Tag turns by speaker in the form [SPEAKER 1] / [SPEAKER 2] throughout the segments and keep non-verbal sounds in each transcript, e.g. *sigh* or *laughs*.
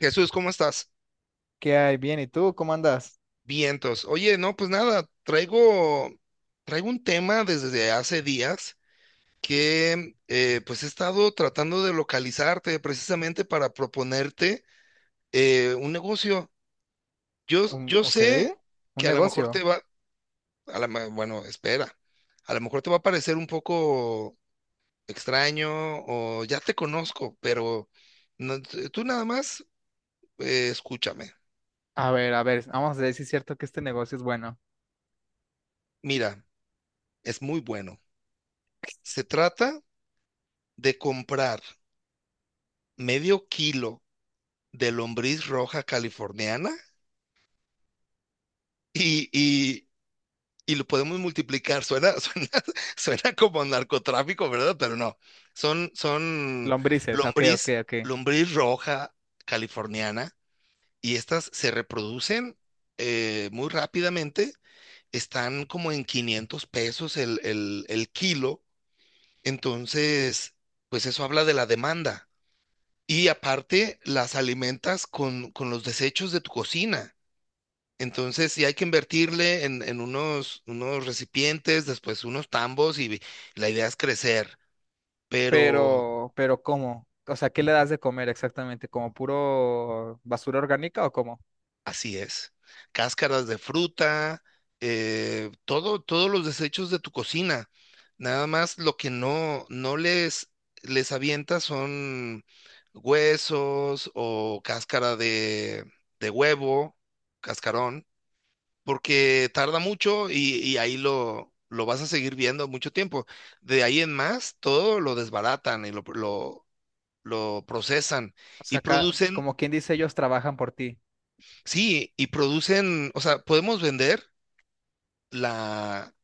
[SPEAKER 1] Jesús, ¿cómo estás?
[SPEAKER 2] ¿Qué hay? Bien, ¿y tú cómo andas?
[SPEAKER 1] Vientos. Oye, no, pues nada, traigo un tema desde hace días que pues he estado tratando de localizarte precisamente para proponerte un negocio. Yo,
[SPEAKER 2] Un,
[SPEAKER 1] yo
[SPEAKER 2] ok,
[SPEAKER 1] sé
[SPEAKER 2] un
[SPEAKER 1] que a lo mejor
[SPEAKER 2] negocio.
[SPEAKER 1] te va, a la ma- bueno, espera, a lo mejor te va a parecer un poco extraño o ya te conozco, pero no- tú nada más escúchame.
[SPEAKER 2] A ver, vamos a ver si es cierto que este negocio es bueno.
[SPEAKER 1] Mira, es muy bueno. Se trata de comprar medio kilo de lombriz roja californiana y, y, y lo podemos multiplicar. Suena, *laughs* suena como narcotráfico, ¿verdad? Pero no. Son
[SPEAKER 2] Lombrices, ok, ok,
[SPEAKER 1] lombriz,
[SPEAKER 2] ok.
[SPEAKER 1] lombriz roja californiana y estas se reproducen muy rápidamente. Están como en 500 pesos el kilo. Entonces, pues eso habla de la demanda. Y aparte, las alimentas con los desechos de tu cocina. Entonces, sí hay que invertirle en unos recipientes, después unos tambos y la idea es crecer. Pero
[SPEAKER 2] Pero ¿cómo? O sea, ¿qué le das de comer exactamente? ¿Como puro basura orgánica o cómo?
[SPEAKER 1] así es. Cáscaras de fruta, todos los desechos de tu cocina. Nada más lo que no les, avienta son huesos o cáscara de huevo, cascarón. Porque tarda mucho y ahí lo vas a seguir viendo mucho tiempo. De ahí en más, todo lo desbaratan y lo procesan
[SPEAKER 2] O
[SPEAKER 1] y
[SPEAKER 2] sea, acá,
[SPEAKER 1] producen,
[SPEAKER 2] como quien dice, ellos trabajan por ti.
[SPEAKER 1] sí, y producen, o sea, podemos vender la,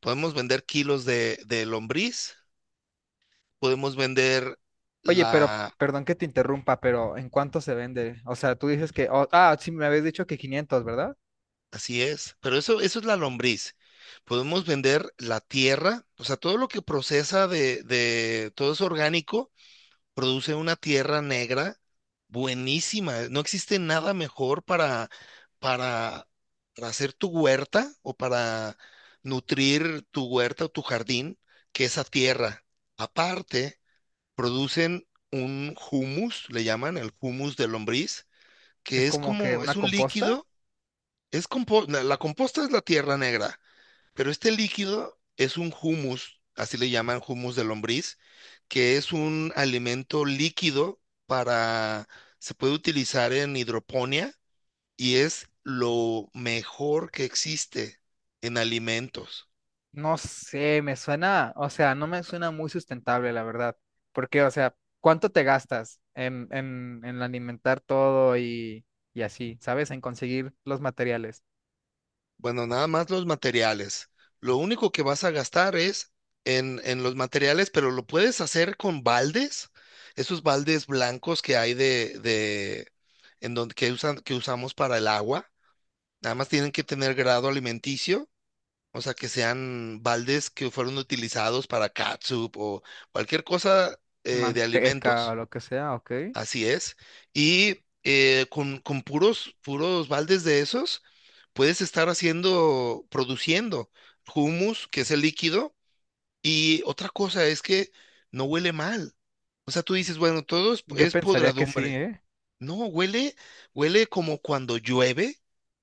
[SPEAKER 1] podemos vender kilos de lombriz, podemos vender
[SPEAKER 2] Oye, pero,
[SPEAKER 1] la,
[SPEAKER 2] perdón que te interrumpa, pero ¿en cuánto se vende? O sea, tú dices que, oh, ah, sí, me habías dicho que 500, ¿verdad?
[SPEAKER 1] así es, pero eso es la lombriz. Podemos vender la tierra, o sea, todo lo que procesa de todo es orgánico, produce una tierra negra buenísima. No existe nada mejor para, para hacer tu huerta o para nutrir tu huerta o tu jardín que esa tierra. Aparte, producen un humus, le llaman el humus de lombriz,
[SPEAKER 2] Es
[SPEAKER 1] que es
[SPEAKER 2] como que
[SPEAKER 1] como,
[SPEAKER 2] una
[SPEAKER 1] es un
[SPEAKER 2] composta.
[SPEAKER 1] líquido, es compo- la la composta es la tierra negra, pero este líquido es un humus, así le llaman humus de lombriz, que es un alimento líquido para, se puede utilizar en hidroponía y es lo mejor que existe en alimentos.
[SPEAKER 2] No sé, me suena, o sea, no me suena muy sustentable, la verdad. Porque, o sea, ¿cuánto te gastas en alimentar todo y así, ¿sabes? En conseguir los materiales,
[SPEAKER 1] Bueno, nada más los materiales. Lo único que vas a gastar es en los materiales, pero lo puedes hacer con baldes, esos baldes blancos que hay de en donde que usamos para el agua. Nada más tienen que tener grado alimenticio. O sea, que sean baldes que fueron utilizados para catsup o cualquier cosa, de
[SPEAKER 2] manteca o
[SPEAKER 1] alimentos.
[SPEAKER 2] lo que sea, ¿ok?
[SPEAKER 1] Así es. Y con puros baldes de esos, puedes estar haciendo, produciendo hummus, que es el líquido. Y otra cosa es que no huele mal. O sea, tú dices, bueno, todo
[SPEAKER 2] Yo
[SPEAKER 1] es
[SPEAKER 2] pensaría que sí,
[SPEAKER 1] podredumbre.
[SPEAKER 2] ¿eh?
[SPEAKER 1] No, huele, huele como cuando llueve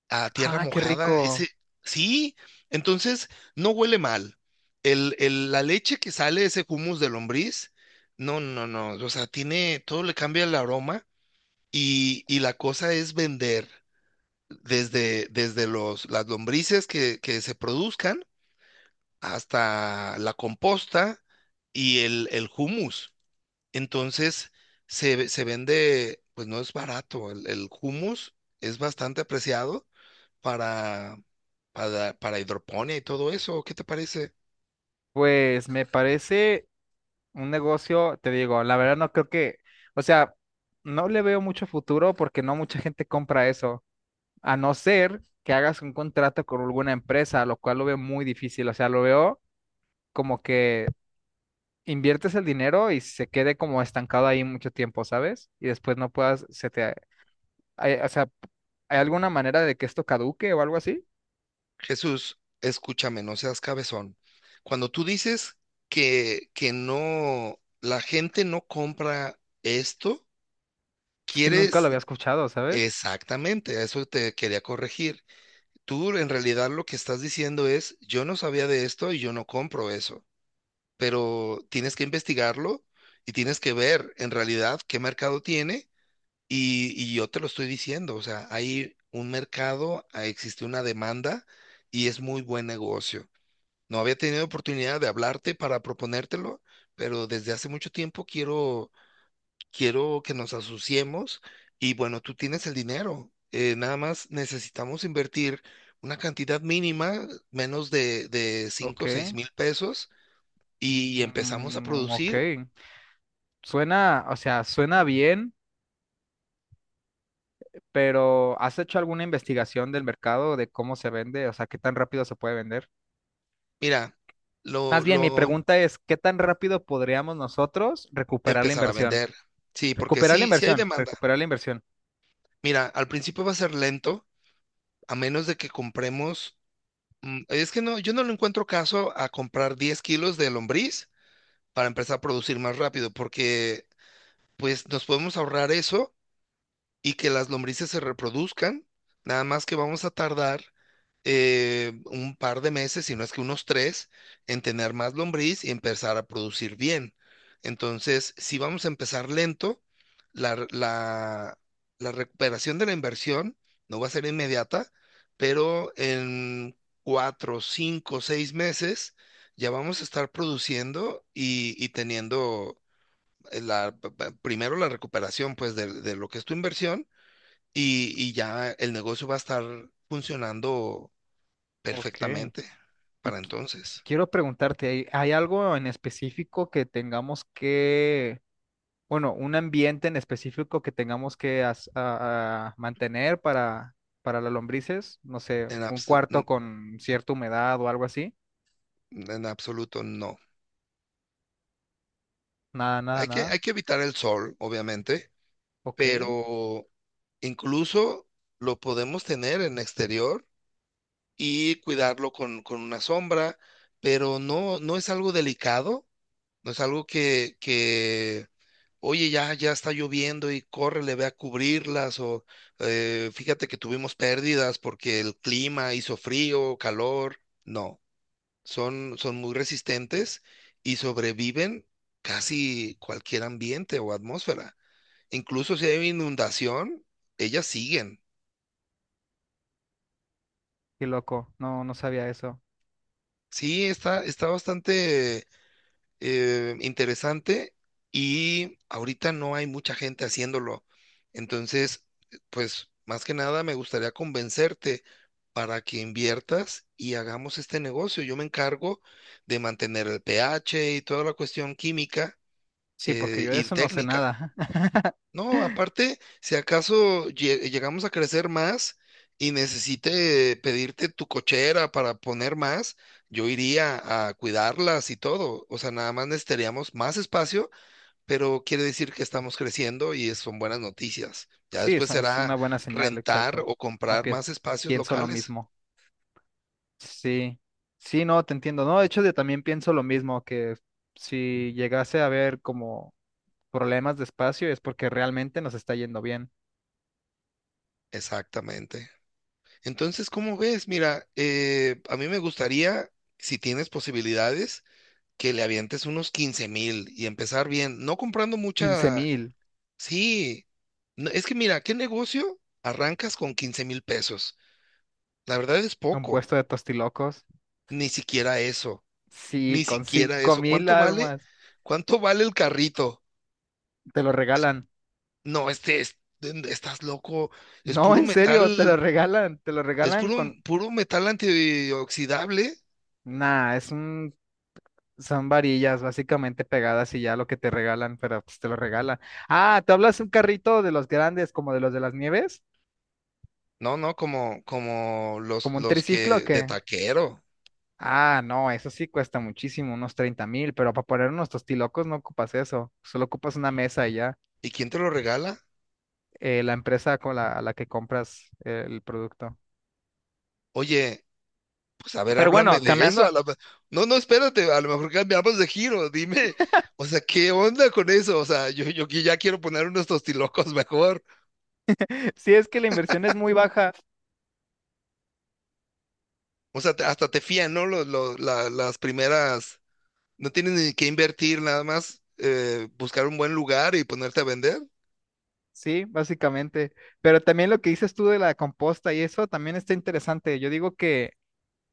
[SPEAKER 1] a tierra
[SPEAKER 2] Ah, qué
[SPEAKER 1] mojada,
[SPEAKER 2] rico.
[SPEAKER 1] ese, sí, entonces no huele mal. La leche que sale, ese humus de lombriz, no, no, no, o sea, todo le cambia el aroma y la cosa es vender desde las lombrices que se produzcan hasta la composta y el humus. Entonces, se vende, pues no es barato, el humus es bastante apreciado para, para hidroponía y todo eso. ¿Qué te parece?
[SPEAKER 2] Pues me parece un negocio, te digo, la verdad no creo que, o sea, no le veo mucho futuro porque no mucha gente compra eso. A no ser que hagas un contrato con alguna empresa, lo cual lo veo muy difícil. O sea, lo veo como que inviertes el dinero y se quede como estancado ahí mucho tiempo, ¿sabes? Y después no puedas, se te, o sea, ¿hay alguna manera de que esto caduque o algo así?
[SPEAKER 1] Jesús, escúchame, no seas cabezón. Cuando tú dices que no, la gente no compra esto,
[SPEAKER 2] Es que nunca lo
[SPEAKER 1] quieres
[SPEAKER 2] había escuchado, ¿sabes?
[SPEAKER 1] exactamente, a eso te quería corregir. Tú en realidad lo que estás diciendo es, yo no sabía de esto y yo no compro eso, pero tienes que investigarlo y tienes que ver en realidad qué mercado tiene. Y yo te lo estoy diciendo, o sea, hay un mercado, ah, existe una demanda y es muy buen negocio. No había tenido oportunidad de hablarte para proponértelo, pero desde hace mucho tiempo quiero, quiero que nos asociemos y bueno, tú tienes el dinero. Nada más necesitamos invertir una cantidad mínima, menos de
[SPEAKER 2] Ok,
[SPEAKER 1] 5,000 o 6,000 pesos y empezamos a
[SPEAKER 2] mm, mm, ok.
[SPEAKER 1] producir.
[SPEAKER 2] Suena, o sea, suena bien, pero ¿has hecho alguna investigación del mercado de cómo se vende? O sea, ¿qué tan rápido se puede vender?
[SPEAKER 1] Mira,
[SPEAKER 2] Más bien, mi
[SPEAKER 1] lo
[SPEAKER 2] pregunta es, ¿qué tan rápido podríamos nosotros recuperar la
[SPEAKER 1] empezar a
[SPEAKER 2] inversión?
[SPEAKER 1] vender. Sí, porque
[SPEAKER 2] Recuperar la
[SPEAKER 1] sí hay
[SPEAKER 2] inversión,
[SPEAKER 1] demanda.
[SPEAKER 2] recuperar la inversión.
[SPEAKER 1] Mira, al principio va a ser lento, a menos de que compremos. Es que no, yo no le encuentro caso a comprar 10 kilos de lombriz para empezar a producir más rápido, porque pues nos podemos ahorrar eso y que las lombrices se reproduzcan, nada más que vamos a tardar un par de meses, si no es que unos tres, en tener más lombriz y empezar a producir bien. Entonces, si vamos a empezar lento, la, re- la- la recuperación de la inversión no va a ser inmediata, pero en 4, 5, 6 meses ya vamos a estar produciendo y teniendo eh, la, primero la recuperación pues de lo que es tu inversión y ya el negocio va a estar funcionando
[SPEAKER 2] Ok.
[SPEAKER 1] perfectamente
[SPEAKER 2] Y
[SPEAKER 1] para
[SPEAKER 2] qui-
[SPEAKER 1] entonces.
[SPEAKER 2] quiero preguntarte, ¿hay, hay algo en específico que tengamos que, bueno, un ambiente en específico que tengamos que a mantener para las lombrices? No sé,
[SPEAKER 1] En,
[SPEAKER 2] un
[SPEAKER 1] abso-
[SPEAKER 2] cuarto
[SPEAKER 1] n-
[SPEAKER 2] con cierta humedad o algo así.
[SPEAKER 1] en absoluto no.
[SPEAKER 2] Nada, nada,
[SPEAKER 1] Hay que,
[SPEAKER 2] nada.
[SPEAKER 1] hay que evitar el sol, obviamente,
[SPEAKER 2] Ok.
[SPEAKER 1] pero incluso lo podemos tener en exterior y cuidarlo con una sombra, pero no es algo delicado, no es algo que oye, ya está lloviendo y córrele, ve a cubrirlas, o fíjate que tuvimos pérdidas porque el clima hizo frío, calor. No, son muy resistentes y sobreviven casi cualquier ambiente o atmósfera. Incluso si hay inundación, ellas siguen.
[SPEAKER 2] Qué loco. No, no sabía eso.
[SPEAKER 1] Sí, está, bastante interesante y ahorita no hay mucha gente haciéndolo. Entonces, pues más que nada me gustaría convencerte para que inviertas y hagamos este negocio. Yo me encargo de mantener el pH y toda la cuestión química
[SPEAKER 2] Sí, porque yo de
[SPEAKER 1] y
[SPEAKER 2] eso no sé
[SPEAKER 1] técnica.
[SPEAKER 2] nada. *laughs*
[SPEAKER 1] No, aparte, si acaso llegamos a crecer más y necesite pedirte tu cochera para poner más, yo iría a cuidarlas y todo. O sea, nada más necesitaríamos más espacio, pero quiere decir que estamos creciendo y son buenas noticias. Ya
[SPEAKER 2] Sí,
[SPEAKER 1] después
[SPEAKER 2] eso es
[SPEAKER 1] será
[SPEAKER 2] una buena señal,
[SPEAKER 1] rentar
[SPEAKER 2] exacto.
[SPEAKER 1] o comprar
[SPEAKER 2] Aunque
[SPEAKER 1] más espacios
[SPEAKER 2] pienso lo
[SPEAKER 1] locales.
[SPEAKER 2] mismo. Sí, sí, no, te entiendo. No, de hecho, yo también pienso lo mismo, que si llegase a haber como problemas de espacio es porque realmente nos está yendo bien.
[SPEAKER 1] Exactamente. Entonces, ¿cómo ves? Mira, a mí me gustaría, si tienes posibilidades, que le avientes unos 15,000 y empezar bien, no comprando
[SPEAKER 2] quince
[SPEAKER 1] mucha,
[SPEAKER 2] mil,
[SPEAKER 1] sí, no, es que mira, ¿qué negocio arrancas con 15,000 pesos? La verdad es
[SPEAKER 2] un
[SPEAKER 1] poco,
[SPEAKER 2] puesto de tostilocos.
[SPEAKER 1] ni siquiera eso,
[SPEAKER 2] Sí,
[SPEAKER 1] ni
[SPEAKER 2] con
[SPEAKER 1] siquiera
[SPEAKER 2] cinco
[SPEAKER 1] eso.
[SPEAKER 2] mil
[SPEAKER 1] ¿Cuánto vale?
[SPEAKER 2] armas.
[SPEAKER 1] ¿Cuánto vale el carrito?
[SPEAKER 2] Te lo regalan.
[SPEAKER 1] No, estás loco, es
[SPEAKER 2] No,
[SPEAKER 1] puro
[SPEAKER 2] en serio, te
[SPEAKER 1] metal,
[SPEAKER 2] lo regalan. Te lo
[SPEAKER 1] es
[SPEAKER 2] regalan
[SPEAKER 1] puro,
[SPEAKER 2] con...
[SPEAKER 1] puro metal antioxidable.
[SPEAKER 2] Nah, es un. Son varillas básicamente pegadas y ya lo que te regalan, pero pues te lo regalan. Ah, ¿tú hablas de un carrito de los grandes, como de los de las nieves?
[SPEAKER 1] No, no, como los,
[SPEAKER 2] ¿Como un
[SPEAKER 1] los
[SPEAKER 2] triciclo o
[SPEAKER 1] que de
[SPEAKER 2] qué?
[SPEAKER 1] taquero.
[SPEAKER 2] Ah, no, eso sí cuesta muchísimo, unos 30,000, pero para poner unos tostilocos no ocupas eso, solo ocupas una mesa y ya,
[SPEAKER 1] ¿Y quién te lo regala?
[SPEAKER 2] la empresa con la, a la que compras el producto.
[SPEAKER 1] Oye, pues a ver,
[SPEAKER 2] Pero
[SPEAKER 1] háblame
[SPEAKER 2] bueno,
[SPEAKER 1] de eso.
[SPEAKER 2] cambiando,
[SPEAKER 1] A la... ma-. No, no, espérate, a lo mejor cambiamos de giro, dime. O sea, ¿qué onda con eso? O sea, yo que ya quiero poner unos tostilocos mejor.
[SPEAKER 2] *laughs* sí es que la inversión es muy baja,
[SPEAKER 1] O sea, hasta te fían, ¿no? Las primeras, no tienes ni que invertir nada más, buscar un buen lugar y ponerte a vender.
[SPEAKER 2] sí, básicamente, pero también lo que dices tú de la composta y eso también está interesante. Yo digo que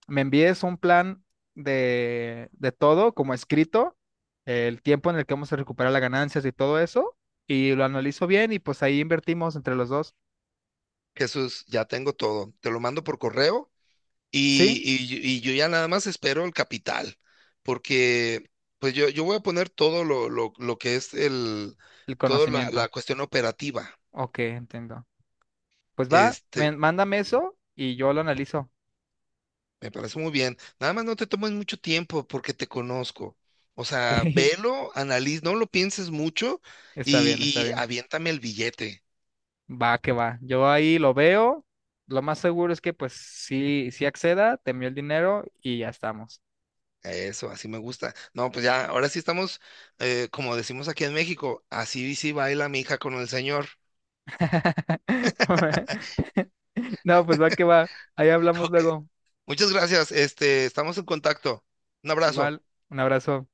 [SPEAKER 2] me envíes un plan de todo como escrito, el tiempo en el que vamos a recuperar las ganancias y todo eso, y lo analizo bien y pues ahí invertimos entre los dos,
[SPEAKER 1] Jesús, ya tengo todo. Te lo mando por correo
[SPEAKER 2] ¿sí?
[SPEAKER 1] y yo ya nada más espero el capital, porque pues yo voy a poner todo lo que
[SPEAKER 2] El
[SPEAKER 1] toda la
[SPEAKER 2] conocimiento.
[SPEAKER 1] cuestión operativa.
[SPEAKER 2] Ok, entiendo. Pues va,
[SPEAKER 1] Este,
[SPEAKER 2] mándame eso y yo lo analizo.
[SPEAKER 1] Me parece muy bien. Nada más no te tomes mucho tiempo porque te conozco. O
[SPEAKER 2] Ok,
[SPEAKER 1] sea,
[SPEAKER 2] *laughs*
[SPEAKER 1] velo, analiz, no lo pienses mucho
[SPEAKER 2] está
[SPEAKER 1] y,
[SPEAKER 2] bien, está
[SPEAKER 1] y
[SPEAKER 2] bien.
[SPEAKER 1] aviéntame el billete.
[SPEAKER 2] Va, que va. Yo ahí lo veo. Lo más seguro es que pues sí, sí acceda, te envío el dinero y ya estamos.
[SPEAKER 1] Eso, así me gusta. No, pues ya, ahora sí estamos, como decimos aquí en México, así sí baila mi hija con el señor.
[SPEAKER 2] *laughs* No, pues va que va. Ahí
[SPEAKER 1] *laughs*
[SPEAKER 2] hablamos
[SPEAKER 1] Ok,
[SPEAKER 2] luego.
[SPEAKER 1] muchas gracias. Estamos en contacto. Un abrazo.
[SPEAKER 2] Igual, un abrazo.